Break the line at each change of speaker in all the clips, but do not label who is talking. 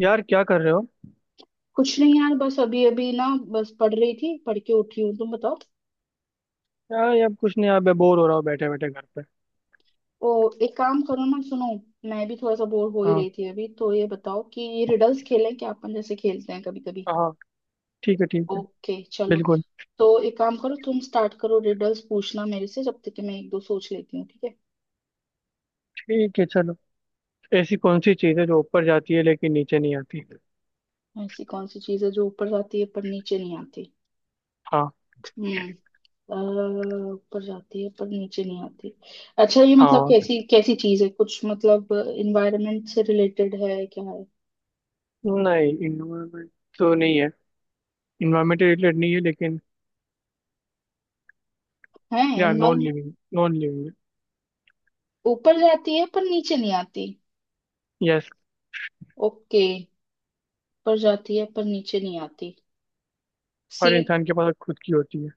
यार क्या कर रहे हो?
कुछ नहीं यार, बस अभी अभी ना, बस पढ़ रही थी, पढ़ के उठी हूँ, तुम बताओ।
यार यार कुछ नहीं, यार मैं बोर हो रहा हूँ बैठे बैठे घर पे।
ओ एक काम करो ना, सुनो। मैं भी थोड़ा सा बोर हो ही
हाँ।
रही थी अभी, तो ये बताओ कि रिडल्स खेलें क्या अपन, जैसे खेलते हैं कभी कभी।
हाँ। ठीक है, ठीक है।
ओके चलो।
बिल्कुल।
तो एक काम करो, तुम स्टार्ट करो रिडल्स पूछना मेरे से, जब तक कि मैं एक दो सोच लेती हूँ, ठीक है।
ठीक है, चलो। ऐसी कौन सी चीज़ है जो ऊपर जाती है लेकिन नीचे नहीं आती?
ऐसी कौन सी चीज है जो ऊपर जाती है पर नीचे नहीं आती?
हाँ।
हम्म। अ, ऊपर जाती है पर नीचे नहीं आती। अच्छा, ये मतलब
हाँ।
कैसी कैसी चीज है? कुछ मतलब इन्वायरमेंट से रिलेटेड है, क्या है?
नहीं, इन्वायरमेंट तो नहीं है। इन्वायरमेंट रिलेटेड नहीं है, लेकिन
है
या non
involve.
Living, non living.
ऊपर जाती है पर नीचे नहीं आती।
यस।
ओके, ऊपर जाती है पर नीचे नहीं आती। सी।
हर इंसान के पास खुद की होती है।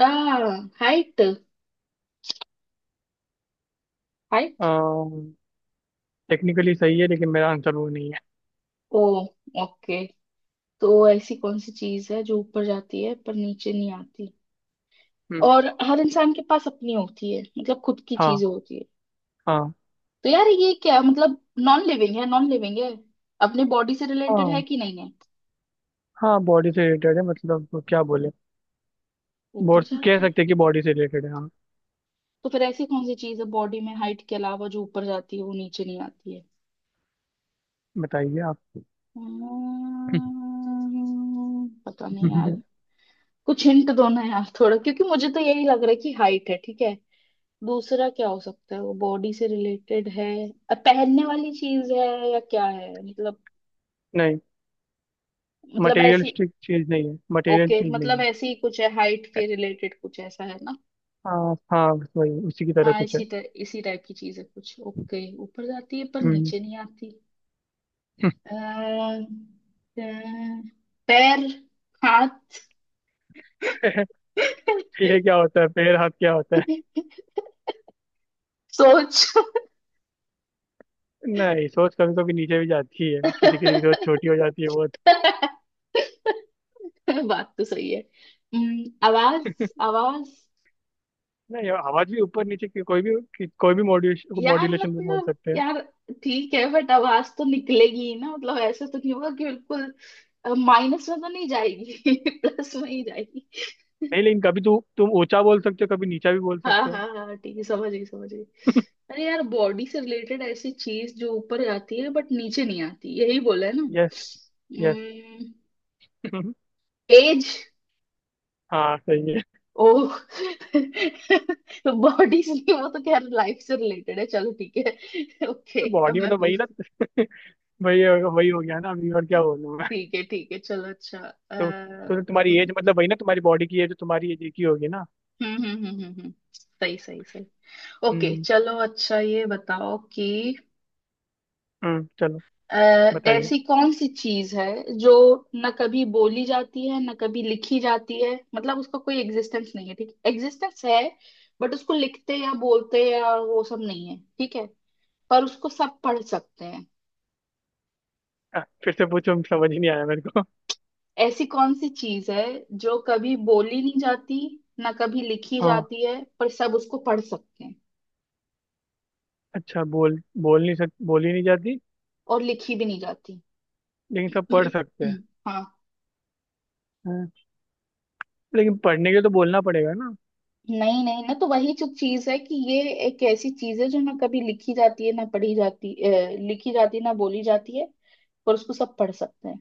आ। हाइट। हाइट।
टेक्निकली सही है, लेकिन मेरा आंसर वो नहीं है।
ओ। ओके। तो ऐसी कौन सी चीज है जो ऊपर जाती है पर नीचे नहीं आती
हम्म,
और हर इंसान के पास अपनी होती है, मतलब खुद की
हाँ।
चीज होती है।
हाँ।
तो यार ये क्या मतलब, नॉन लिविंग है? नॉन लिविंग है? अपने बॉडी से रिलेटेड है
हाँ।
कि नहीं है?
हाँ, बॉडी से रिलेटेड है, मतलब क्या बोले?
ऊपर
बोल कह
जाती है।
सकते हैं कि बॉडी से रिलेटेड है, हाँ।
तो फिर ऐसी कौन सी चीज है बॉडी में, हाइट के अलावा, जो ऊपर जाती है वो नीचे नहीं आती है?
बताइए आप।
पता नहीं यार। कुछ हिंट दो ना यार थोड़ा, क्योंकि मुझे तो यही लग रहा है कि हाइट है, ठीक है। दूसरा क्या हो सकता है वो, बॉडी से रिलेटेड है? पहनने वाली चीज है या क्या है मतलब?
नहीं,
मतलब ऐसी
मटेरियलिस्टिक चीज नहीं है, मटेरियल
ओके,
चीज
मतलब
नहीं
ऐसी ही कुछ है हाइट
है।
के रिलेटेड, कुछ ऐसा है ना?
हाँ हाँ, बस वही, उसी की तरह
हाँ,
कुछ है।
इसी टाइप की चीज है कुछ। ओके, ऊपर जाती है पर
हम्म।
नीचे नहीं आती। अ, अ, पैर। हाथ।
ये क्या होता है पैर हाथ क्या होता है?
सोच।
नहीं, सोच कभी कभी नीचे भी जाती है, किसी किसी की सोच छोटी हो जाती है बहुत।
बात तो सही है। आवाज, आवाज।
नहीं, आवाज भी ऊपर नीचे की- कोई भी मॉड्यूलेशन,
यार,
मॉड्यूलेशन में बोल
मतलब,
सकते हैं।
यार ठीक है बट आवाज तो निकलेगी ही ना, मतलब ऐसे तो नहीं होगा कि बिल्कुल माइनस में तो नहीं जाएगी, प्लस में ही जाएगी।
नहीं, लेकिन कभी तू तुम ऊंचा बोल सकते हो, कभी नीचा भी बोल
हाँ
सकते हो।
हाँ हाँ, ठीक है, समझ गई समझ गई। अरे यार, बॉडी से रिलेटेड ऐसी चीज जो ऊपर जाती है बट नीचे नहीं आती, यही बोला है ना?
यस। यस।
एज।
हाँ सही है।
ओ बॉडी से नहीं, वो तो खैर लाइफ से रिलेटेड है। चलो, ठीक है ओके अब
बॉडी में
मैं
तो वही
पूछ।
ना। वही वही हो गया ना अभी, और क्या बोलूं?
ठीक है चलो। अच्छा,
तो तो तुम्हारी
हम्म।
एज मतलब वही ना, तुम्हारी बॉडी की एज तुम्हारी एज की होगी ना।
हम्म। सही सही सही। ओके
हम्म।
चलो, अच्छा ये बताओ कि,
हम्म, चलो।
अ,
बताइए।
ऐसी कौन सी चीज है जो न कभी बोली जाती है न कभी लिखी जाती है, मतलब उसका कोई एग्जिस्टेंस नहीं है, ठीक एग्जिस्टेंस है बट उसको लिखते या बोलते या वो सब नहीं है, ठीक है। पर उसको सब पढ़ सकते हैं।
फिर से पूछो, समझ ही नहीं आया मेरे को।
ऐसी कौन सी चीज है जो कभी बोली नहीं जाती ना कभी लिखी
हाँ।
जाती है, पर सब उसको पढ़ सकते हैं।
अच्छा, बोल बोल नहीं सक बोल ही नहीं जाती,
और लिखी भी नहीं जाती।
लेकिन सब पढ़ सकते हैं।
हाँ।
हाँ, लेकिन पढ़ने के लिए तो बोलना पड़ेगा ना।
नहीं नहीं, ना तो वही जो चीज है कि ये एक ऐसी चीज है जो ना कभी लिखी जाती है ना पढ़ी जाती, लिखी जाती है ना बोली जाती है, पर उसको सब पढ़ सकते हैं।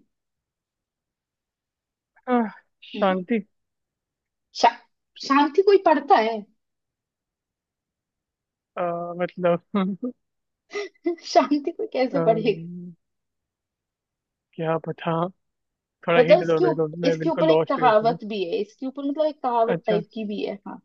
आह,
हम्म।
शांति।
शा, शांति कोई पढ़ता है?
अ, मतलब।
शांति कोई कैसे पढ़ेगा?
अम्म, क्या पता। थोड़ा
मतलब
हिंट दो
इसके
मेरे को, मैं
इसके
बिल्कुल
ऊपर एक
लॉस्ट हूँ इसमें।
कहावत भी है, इसके ऊपर मतलब एक कहावत
अच्छा।
टाइप की भी है, हाँ।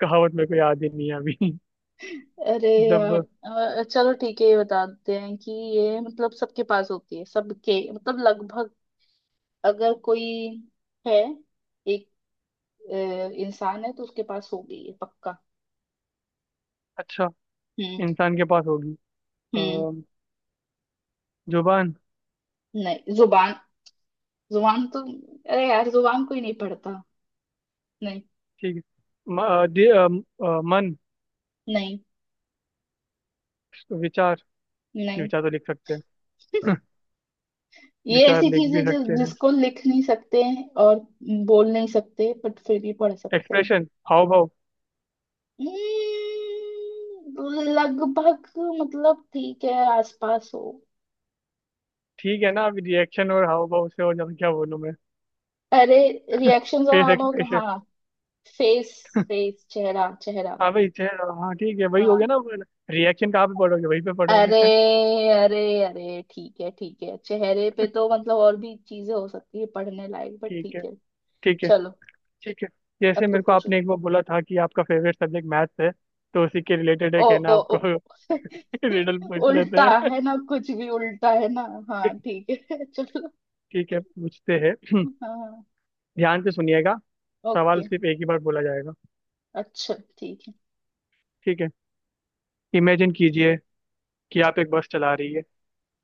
कहावत मेरे को याद ही नहीं है अभी।
अरे यार।
मतलब।
चलो ठीक है, ये बताते हैं कि, ये मतलब सबके पास होती है, सबके मतलब लगभग, अगर कोई है एक इंसान है तो उसके पास होगी ये पक्का।
अच्छा,
हम्म।
इंसान के पास होगी।
हम्म।
अम्म, जुबान।
नहीं, जुबान? जुबान तो, अरे यार जुबान कोई नहीं पढ़ता। नहीं
ठीक है। म, अ, दि- अ, म, अ, मन।
नहीं
विचार।
नहीं।
विचार तो लिख सकते हैं।
ये
विचार
ऐसी
लिख
चीज है
भी
जो
सकते हैं।
जिसको लिख नहीं सकते हैं और बोल नहीं सकते, बट फिर भी पढ़ सकते हैं।
एक्सप्रेशन, हाव भाव।
लगभग, मतलब ठीक है, आसपास हो।
ठीक है ना, अभी रिएक्शन और हाव भाव से और ज्यादा क्या बोलूं मैं?
अरे, रिएक्शन जरा
फेस
अब।
एक्सप्रेशन।
हाँ। फेस। फेस, चेहरा चेहरा।
हाँ भाई, चेहरा, हाँ ठीक है वही हो गया
हाँ।
ना। रिएक्शन कहाँ पे पढ़ोगे, वहीं पे
अरे
पढ़ोगे।
अरे अरे ठीक है ठीक है, चेहरे पे तो मतलब और भी चीजें हो सकती है पढ़ने लायक, बट
ठीक है।
ठीक है।
ठीक है।
चलो।
ठीक है। जैसे
अब
मेरे
तुम
को
पूछो।
आपने एक बार बोला था कि आपका फेवरेट सब्जेक्ट मैथ्स है, तो उसी के रिलेटेड है
ओ।
कहना
ओ
आपको।
ओ।
रिडल पूछ लेते
उल्टा,
हैं।
है ना? कुछ भी उल्टा है ना। हाँ ठीक है चलो।
ठीक है, पूछते हैं।
हाँ हाँ।
ध्यान से सुनिएगा। सवाल
ओके।
सिर्फ एक ही बार बोला जाएगा।
अच्छा ठीक है।
ठीक है। इमेजिन कीजिए कि आप एक बस चला रही है।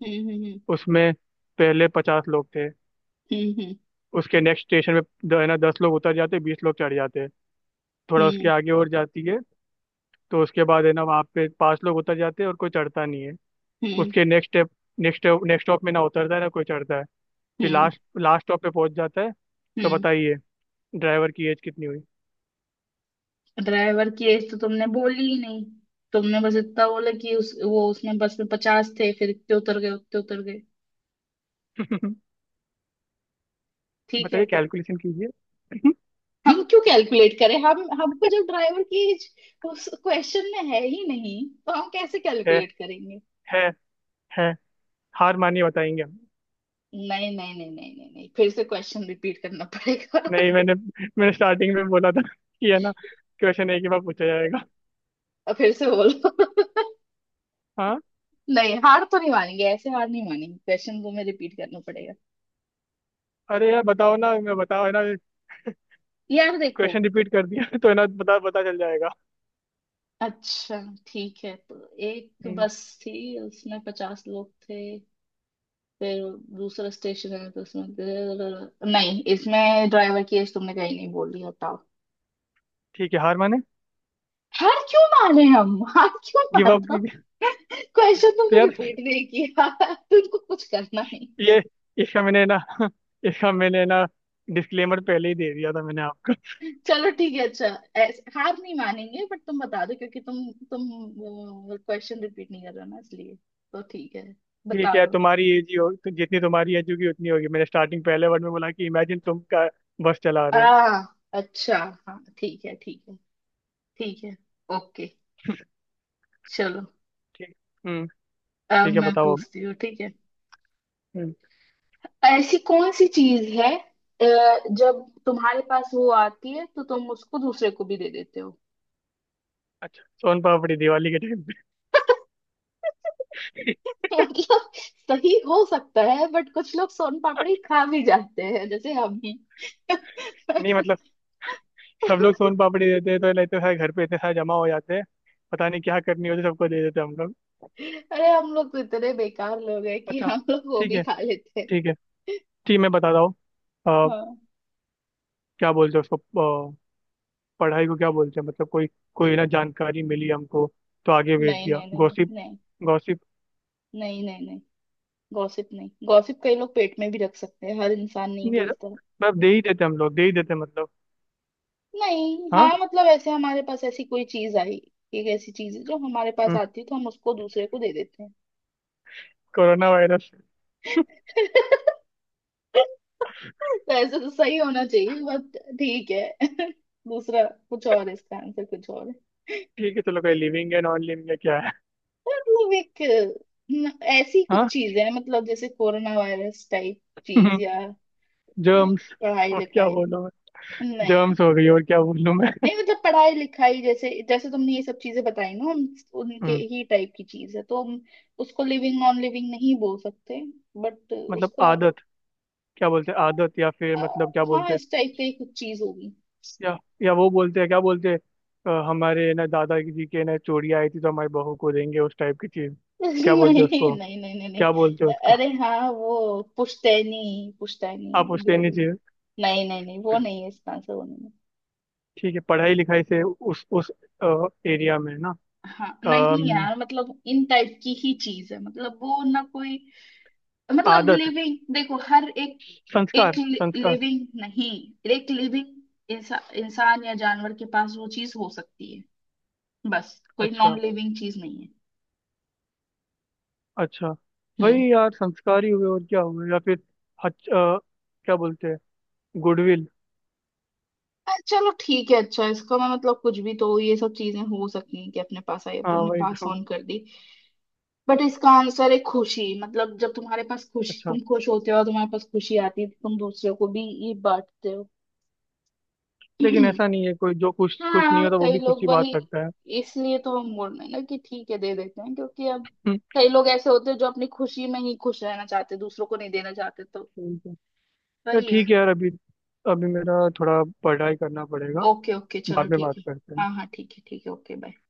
हम्म।
उसमें पहले 50 लोग थे।
हम्म।
उसके नेक्स्ट स्टेशन पे द- है ना, 10 लोग उतर जाते, 20 लोग चढ़ जाते हैं। थोड़ा उसके
हम्म।
आगे और जाती है, तो उसके बाद है ना वहाँ पे 5 लोग उतर जाते हैं और कोई चढ़ता नहीं है।
हम्म
उसके next step next next stop में ना उतरता है ना कोई चढ़ता है। फिर
हम्म
लास्ट लास्ट स्टॉप पे पहुंच जाता है। तो
हम्म।
बताइए, ड्राइवर की एज कितनी हुई?
ड्राइवर की एज तो तुमने बोली ही नहीं। तुमने बस इतना बोला कि उस वो उसमें बस में 50 थे, फिर इतने उतर गए उतने उतर गए, ठीक है
बताइए,
तो।
कैलकुलेशन कीजिए।
हम क्यों कैलकुलेट करें? हम हमको जब ड्राइवर की एज उस क्वेश्चन में है ही नहीं, तो हम कैसे
है,
कैलकुलेट करेंगे?
है, है। हार मानिए, बताएंगे हम।
नहीं नहीं नहीं नहीं नहीं नहीं, फिर से क्वेश्चन रिपीट करना पड़ेगा
नहीं, मैंने मैंने स्टार्टिंग में बोला था कि है ना, क्वेश्चन एक ही बार पूछा जाएगा।
और फिर से बोलो।
हाँ।
नहीं, हार तो नहीं मानेंगे, ऐसे हार नहीं मानेंगे, क्वेश्चन को मैं रिपीट करना पड़ेगा।
अरे यार बताओ ना, मैं बताओ है ना,
यार देखो।
क्वेश्चन रिपीट कर दिया तो है ना पता पता चल जाएगा।
अच्छा ठीक है, तो एक
हम्म,
बस थी, उसमें 50 लोग थे, फिर दूसरा स्टेशन है तो उसमें नहीं, इसमें ड्राइवर की एज तुमने कहीं नहीं बोली, हटाओ।
ठीक है, हार माने,
हार क्यों माने हम? हार क्यों
गिव अप।
मानता? क्वेश्चन
तो
तुमने
यार
रिपीट नहीं किया, तुमको कुछ करना नहीं।
ये, इसका मैंने ना इसका मैंने ना डिस्क्लेमर पहले ही दे दिया था मैंने आपको।
चलो ठीक है, अच्छा हार नहीं मानेंगे, बट तुम बता दो, क्योंकि तुम क्वेश्चन रिपीट नहीं कर रहे हो ना, इसलिए तो ठीक है,
ठीक
बता
है,
दो।
तुम्हारी एज ही हो, तो जितनी तुम्हारी एज होगी उतनी होगी। मैंने स्टार्टिंग पहले वर्ड में बोला कि इमेजिन, तुम का बस चला
आ,
रहे हो।
अच्छा। हाँ ठीक है ठीक है। ठीक है। ओके। चलो।
ठीक। हम्म।
अब
ठीक है,
मैं
बताओ अब।
पूछती हूँ, ठीक है।
हम्म।
ऐसी कौन सी चीज है जब तुम्हारे पास वो आती है तो तुम उसको दूसरे को भी दे देते हो?
अच्छा, सोन पापड़ी दिवाली के टाइम पे।
मतलब सही हो सकता है, बट कुछ लोग सोन पापड़ी खा भी जाते हैं, जैसे हम ही
नहीं मतलब, सब लोग सोन पापड़ी देते हैं तो लेते सारे, घर पे इतने सारे जमा हो जाते हैं, पता नहीं क्या करनी होती है, सबको दे देते हैं हम लोग।
अरे हम लोग तो इतने बेकार लोग हैं कि
अच्छा।
हम लोग वो
ठीक
भी
है।
खा लेते हैं।
ठीक है। ठीक, मैं बताता हूँ। अ,
हाँ।
क्या बोलते हैं उसको? अ, पढ़ाई को क्या बोलते हैं? मतलब कोई कोई ना जानकारी मिली हमको, तो आगे भेज
नहीं
दिया,
नहीं नहीं नहीं
गॉसिप।
नहीं।
गॉसिप।
नहीं नहीं नहीं। गॉसिप नहीं, गॉसिप कई लोग पेट में भी रख सकते हैं, हर इंसान नहीं
नहीं ऐसा-,
भेजता।
मतलब दे ही देते हैं हम लोग, दे ही देते हैं मतलब।
नहीं,
हाँ।
हाँ मतलब ऐसे हमारे पास ऐसी कोई चीज आई। एक ऐसी चीज है जो हमारे पास
हम्म,
आती है तो हम उसको दूसरे को दे देते हैं।
Corona virus.
तो ऐसे तो सही होना चाहिए, बट ठीक है दूसरा। कुछ और है, इसका आंसर कुछ और है।
ठीक है चलो, कोई लिविंग है, नॉन लिविंग है, क्या है?
मतलब एक, न- ऐसी कुछ
हाँ।
चीज है, मतलब जैसे कोरोना वायरस टाइप चीज, या, अम,
जर्म्स।
पढ़ाई
और क्या
लिखाई।
बोलूं मैं?
नहीं
जर्म्स हो गई, और क्या बोलूं मैं?
नहीं, मतलब पढ़ाई लिखाई जैसे जैसे तुमने ये सब चीजें बताई ना, उनके
हम्म,
ही टाइप की चीज है, तो हम उसको लिविंग नॉन लिविंग नहीं बोल सकते, बट
मतलब
उसका,
आदत? क्या बोलते हैं, आदत या फिर
अ,
मतलब क्या
हाँ,
बोलते हैं?
इस टाइप की कुछ चीज होगी।
या वो बोलते हैं क्या बोलते हैं, हमारे ना दादाजी के ना चोरी आई थी तो हमारी बहू को देंगे उस टाइप की चीज,
नहीं
क्या बोलते हैं उसको?
नहीं नहीं नहीं नहीं।
क्या बोलते हैं उसको?
अरे हाँ, वो पुश्तैनी, पुश्तैनी
आप उससे
जो
नहीं
भी।
चीज।
नहीं नहीं नहीं, वो नहीं है, इसका आंसर वो नहीं है।
ठीक है, पढ़ाई लिखाई से उस एरिया में ना।
हाँ नहीं
अम,
यार, मतलब इन टाइप की ही चीज है, मतलब वो ना कोई, मतलब
आदत,
लिविंग, देखो हर एक,
संस्कार,
एक
संस्कार।
लिविंग, नहीं, एक लिविंग इंसान या जानवर के पास वो चीज हो सकती है, बस कोई
अच्छा।
नॉन लिविंग चीज नहीं है।
अच्छा,
हम्म।
वही यार, संस्कार ही हुए और क्या हुए, या फिर हच, अ, क्या बोलते हैं, गुडविल?
चलो ठीक है, अच्छा इसका मैं मतलब, कुछ भी तो ये सब चीजें हो सकती हैं कि अपने पास आई अपन
हाँ
ने
वही
पास
तो।
ऑन कर दी, बट इसका आंसर है खुशी। मतलब जब तुम्हारे पास खुशी,
अच्छा,
तुम खुश होते हो और तुम्हारे पास खुशी आती है तो तुम दूसरे को भी ये बांटते हो।
लेकिन ऐसा नहीं है, कोई जो खुश खुश नहीं
हाँ
होता वो
कई
भी
लोग
खुशी बांट
वही,
सकता है।
इसलिए तो हम बोल रहे हैं ना कि ठीक है दे देते हैं, क्योंकि अब
हम्म,
कई लोग ऐसे होते हैं जो अपनी खुशी में ही खुश रहना चाहते, दूसरों को नहीं देना चाहते, तो
ठीक है यार,
वही है।
ठीक है यार, अभी अभी मेरा थोड़ा पढ़ाई करना पड़ेगा,
ओके ओके चलो
बाद में
ठीक
बात
है।
करते हैं।
हाँ हाँ ठीक है ठीक है, ओके बाय।